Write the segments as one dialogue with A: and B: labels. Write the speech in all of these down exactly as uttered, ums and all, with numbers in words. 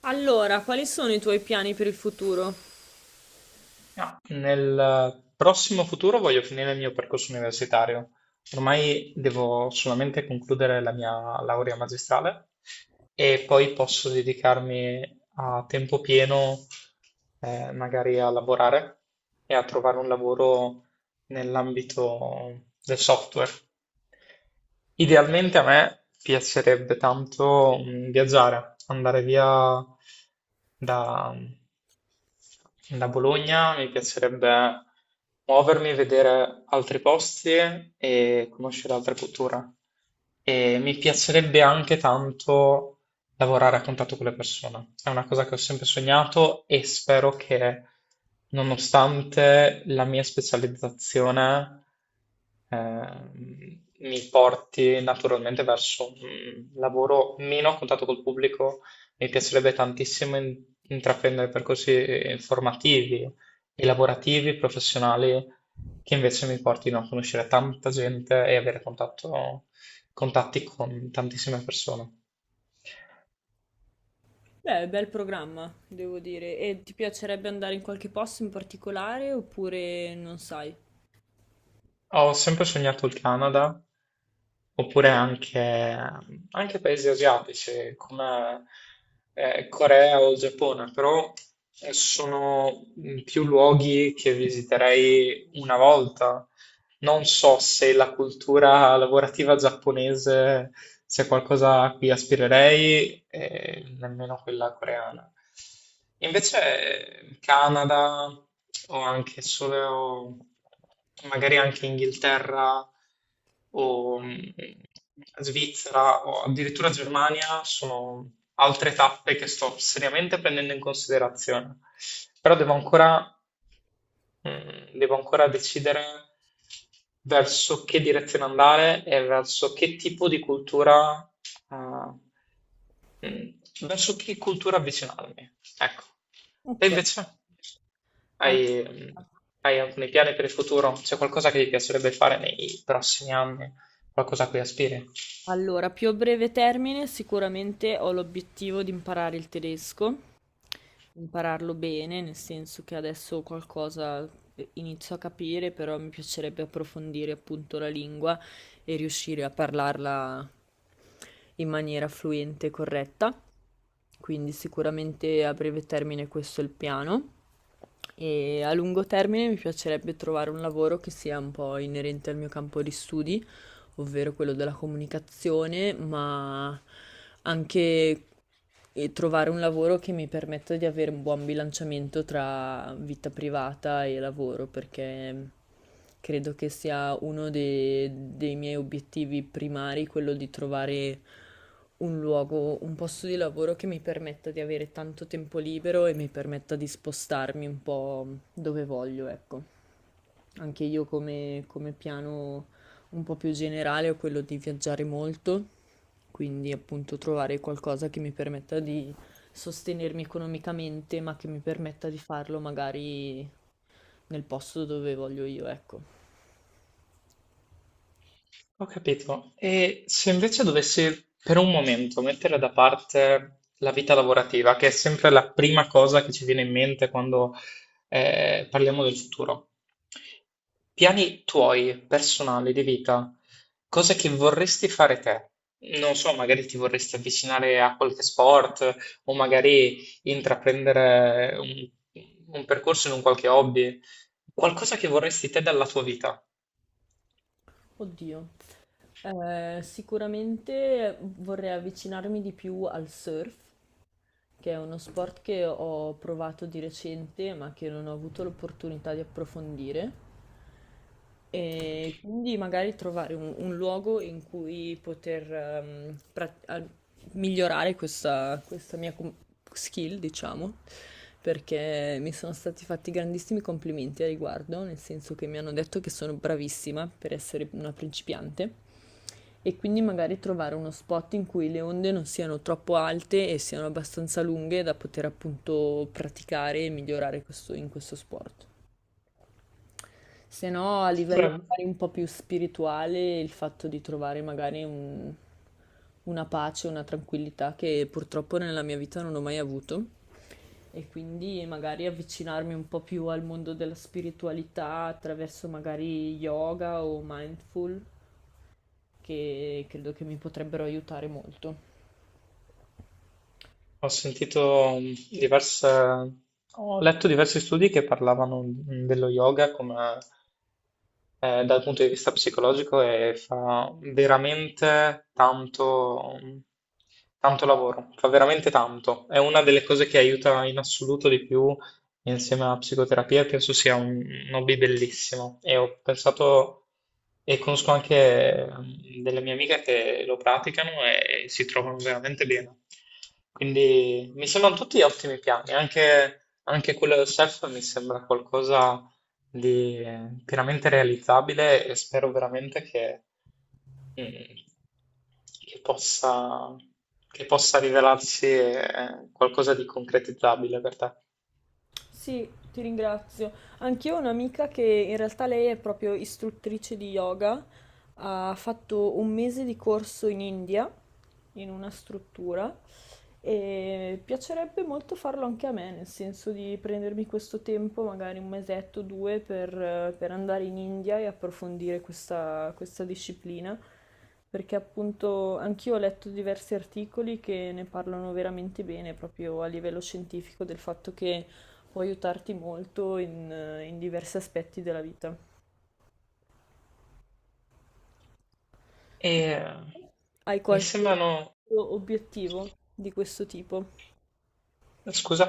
A: Allora, quali sono i tuoi piani per il futuro?
B: No, nel prossimo futuro voglio finire il mio percorso universitario. Ormai devo solamente concludere la mia laurea magistrale e poi posso dedicarmi a tempo pieno, eh, magari a lavorare e a trovare un lavoro nell'ambito del software. Idealmente a me piacerebbe tanto mm, viaggiare, andare via da, da Bologna, mi piacerebbe muovermi, vedere altri posti e conoscere altre culture. E mi piacerebbe anche tanto lavorare a contatto con le persone. È una cosa che ho sempre sognato e spero che, nonostante la mia specializzazione, ehm, mi porti naturalmente verso un lavoro meno a contatto col pubblico. Mi piacerebbe tantissimo in- intraprendere percorsi eh, formativi e lavorativi, professionali, che invece mi portino a conoscere tanta gente e avere contatto- contatti con tantissime persone.
A: Beh, bel programma, devo dire. E ti piacerebbe andare in qualche posto in particolare oppure non sai?
B: Ho sempre sognato il Canada, oppure anche, anche paesi asiatici come eh, Corea o Giappone, però eh, Sono mm, più luoghi che visiterei una volta. Non so se la cultura lavorativa giapponese sia qualcosa a cui aspirerei, e nemmeno quella coreana. Invece eh, Canada o anche solo, magari anche Inghilterra o mh, Svizzera o addirittura Germania sono altre tappe che sto seriamente prendendo in considerazione. Però devo ancora, mh, devo ancora decidere verso che direzione andare e verso che tipo di cultura, eh, mh, verso che cultura avvicinarmi. Ecco. E
A: Ok.
B: invece? Hai, mh,
A: Allora.
B: hai alcuni piani per il futuro? C'è qualcosa che ti piacerebbe fare nei prossimi anni? Qualcosa a cui aspiri?
A: Allora, più a breve termine sicuramente ho l'obiettivo di imparare il tedesco, impararlo bene, nel senso che adesso qualcosa eh, inizio a capire, però mi piacerebbe approfondire appunto la lingua e riuscire a parlarla in maniera fluente e corretta. Quindi sicuramente a breve termine questo è il piano. E a lungo termine mi piacerebbe trovare un lavoro che sia un po' inerente al mio campo di studi ovvero quello della comunicazione, ma anche eh, trovare un lavoro che mi permetta di avere un buon bilanciamento tra vita privata e lavoro, perché credo che sia uno de- dei miei obiettivi primari, quello di trovare un luogo, un posto di lavoro che mi permetta di avere tanto tempo libero e mi permetta di spostarmi un po' dove voglio, ecco. Anche io come, come piano un po' più generale ho quello di viaggiare molto, quindi appunto trovare qualcosa che mi permetta di sostenermi economicamente, ma che mi permetta di farlo magari nel posto dove voglio io, ecco.
B: Ho capito. E se invece dovessi per un momento mettere da parte la vita lavorativa, che è sempre la prima cosa che ci viene in mente quando eh, parliamo del futuro, piani tuoi personali di vita, cose che vorresti fare te? Non so, magari ti vorresti avvicinare a qualche sport o magari intraprendere un, un percorso in un qualche hobby, qualcosa che vorresti te dalla tua vita.
A: Oddio, eh, sicuramente vorrei avvicinarmi di più al surf, che è uno sport che ho provato di recente, ma che non ho avuto l'opportunità di approfondire. E quindi magari trovare un, un luogo in cui poter ehm, pra- a- migliorare questa, questa mia com- skill, diciamo, perché mi sono stati fatti grandissimi complimenti a riguardo, nel senso che mi hanno detto che sono bravissima per essere una principiante. E quindi magari trovare uno spot in cui le onde non siano troppo alte e siano abbastanza lunghe da poter appunto praticare e migliorare questo- in questo sport. Se no, a livello magari un po' più spirituale, il fatto di trovare magari un- una pace, una tranquillità che purtroppo nella mia vita non ho mai avuto. E quindi magari avvicinarmi un po' più al mondo della spiritualità attraverso magari yoga o mindful, che credo che mi potrebbero aiutare molto.
B: Ho sentito mm, diverse, ho letto diversi studi che parlavano mm, dello yoga come eh, dal punto di vista psicologico e fa veramente tanto, mm, tanto lavoro, fa veramente tanto. È una delle cose che aiuta in assoluto di più insieme alla psicoterapia penso sia un, un hobby bellissimo e ho pensato e conosco anche mm, delle mie amiche che lo praticano e si trovano veramente bene. Quindi mi sembrano tutti ottimi piani, anche, anche quello del surf mi sembra qualcosa di eh, pienamente realizzabile e spero veramente che, mm, che possa, che possa rivelarsi eh, qualcosa di concretizzabile per te.
A: Sì, ti ringrazio. Anch'io ho un'amica che in realtà lei è proprio istruttrice di yoga, ha fatto un mese di corso in India, in una struttura, e piacerebbe molto farlo anche a me, nel senso di prendermi questo tempo, magari un mesetto o due, per, per andare in India e approfondire questa, questa disciplina, perché appunto anch'io ho letto diversi articoli che ne parlano veramente bene, proprio a livello scientifico, del fatto che può aiutarti molto in, in diversi aspetti della vita.
B: E
A: Tu hai
B: mi
A: qualche
B: sembrano.
A: obiettivo di questo tipo?
B: Scusa?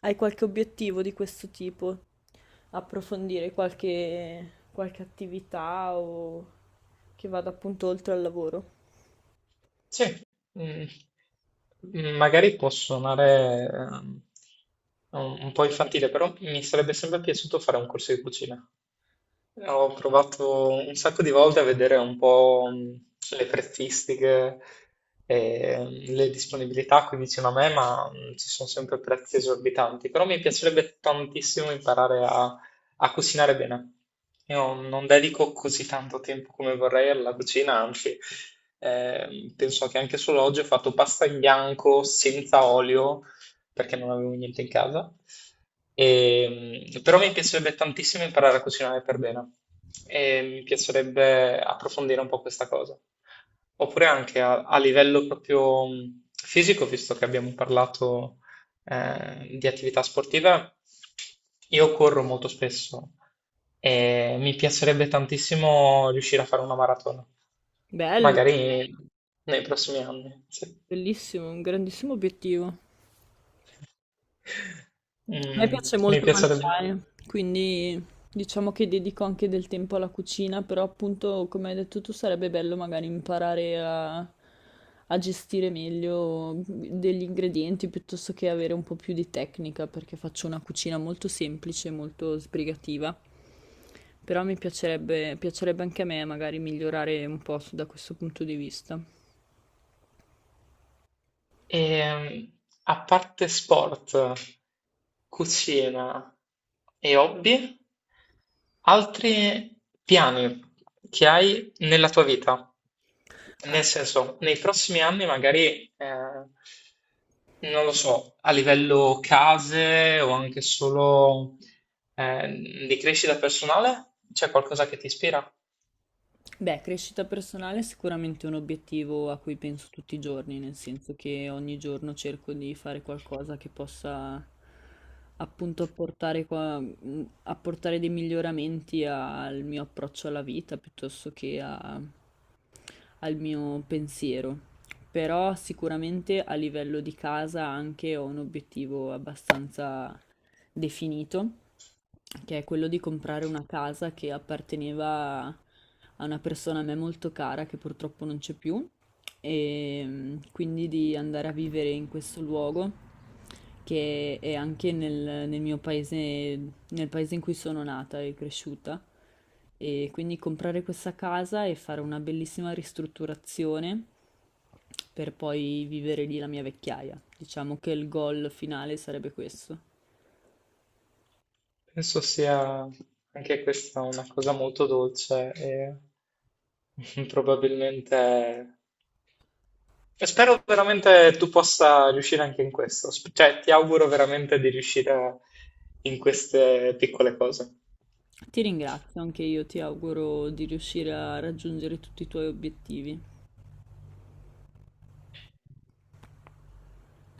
A: Hai qualche obiettivo di questo tipo? Approfondire qualche, qualche attività o che vada appunto oltre al lavoro?
B: Sì. Mm. Mm, Magari può suonare ehm, un un po' infantile, però mi sarebbe sempre piaciuto fare un corso di cucina. Ho provato un sacco di volte a vedere un po' mh, le prezzistiche e mh, le disponibilità qui vicino a me, ma mh, ci sono sempre prezzi esorbitanti. Però mi piacerebbe tantissimo imparare a A cucinare bene. Io non dedico così tanto tempo come vorrei alla cucina, anzi, ehm, penso che anche solo oggi ho fatto pasta in bianco senza olio perché non avevo niente in casa. Ehm, però mi piacerebbe tantissimo imparare a cucinare per bene e mi piacerebbe approfondire un po' questa cosa. Oppure anche a, a livello proprio mh, fisico, visto che abbiamo parlato eh, di attività sportiva, io corro molto spesso e mi piacerebbe tantissimo riuscire a fare una maratona,
A: Bello,
B: magari nei prossimi anni, sì.
A: bellissimo, un grandissimo obiettivo. A me
B: Mm,
A: piace
B: mi
A: molto
B: piacerebbe.
A: mangiare, quindi diciamo che dedico anche del tempo alla cucina, però appunto, come hai detto tu, sarebbe bello magari imparare a, a gestire meglio degli ingredienti piuttosto che avere un po' più di tecnica, perché faccio una cucina molto semplice, molto sbrigativa. Però mi piacerebbe, piacerebbe anche a me magari migliorare un po' su- da questo punto di vista.
B: E, a parte sport, cucina e hobby? Altri piani che hai nella tua vita? Nel senso, nei prossimi anni magari, eh, non lo so, a livello case o anche solo, eh, di crescita personale, c'è qualcosa che ti ispira?
A: Beh, crescita personale è sicuramente un obiettivo a cui penso tutti i giorni, nel senso che ogni giorno cerco di fare qualcosa che possa appunto apportare, qua- mh, apportare dei miglioramenti al mio approccio alla vita piuttosto che a- al mio pensiero. Però sicuramente a livello di casa anche ho un obiettivo abbastanza definito che è quello di comprare una casa che apparteneva a una persona a me molto cara che purtroppo non c'è più e mm, quindi di andare a vivere in questo luogo che è anche nel, nel mio paese, nel paese in cui sono nata e cresciuta. E quindi comprare questa casa e fare una bellissima ristrutturazione per poi vivere lì la mia vecchiaia. Diciamo che il goal finale sarebbe questo.
B: Penso sia anche questa una cosa molto dolce e probabilmente. E spero veramente tu possa riuscire anche in questo, Sp- cioè ti auguro veramente di riuscire in queste piccole cose.
A: Ti ringrazio, anche io ti auguro di riuscire a raggiungere tutti i tuoi obiettivi.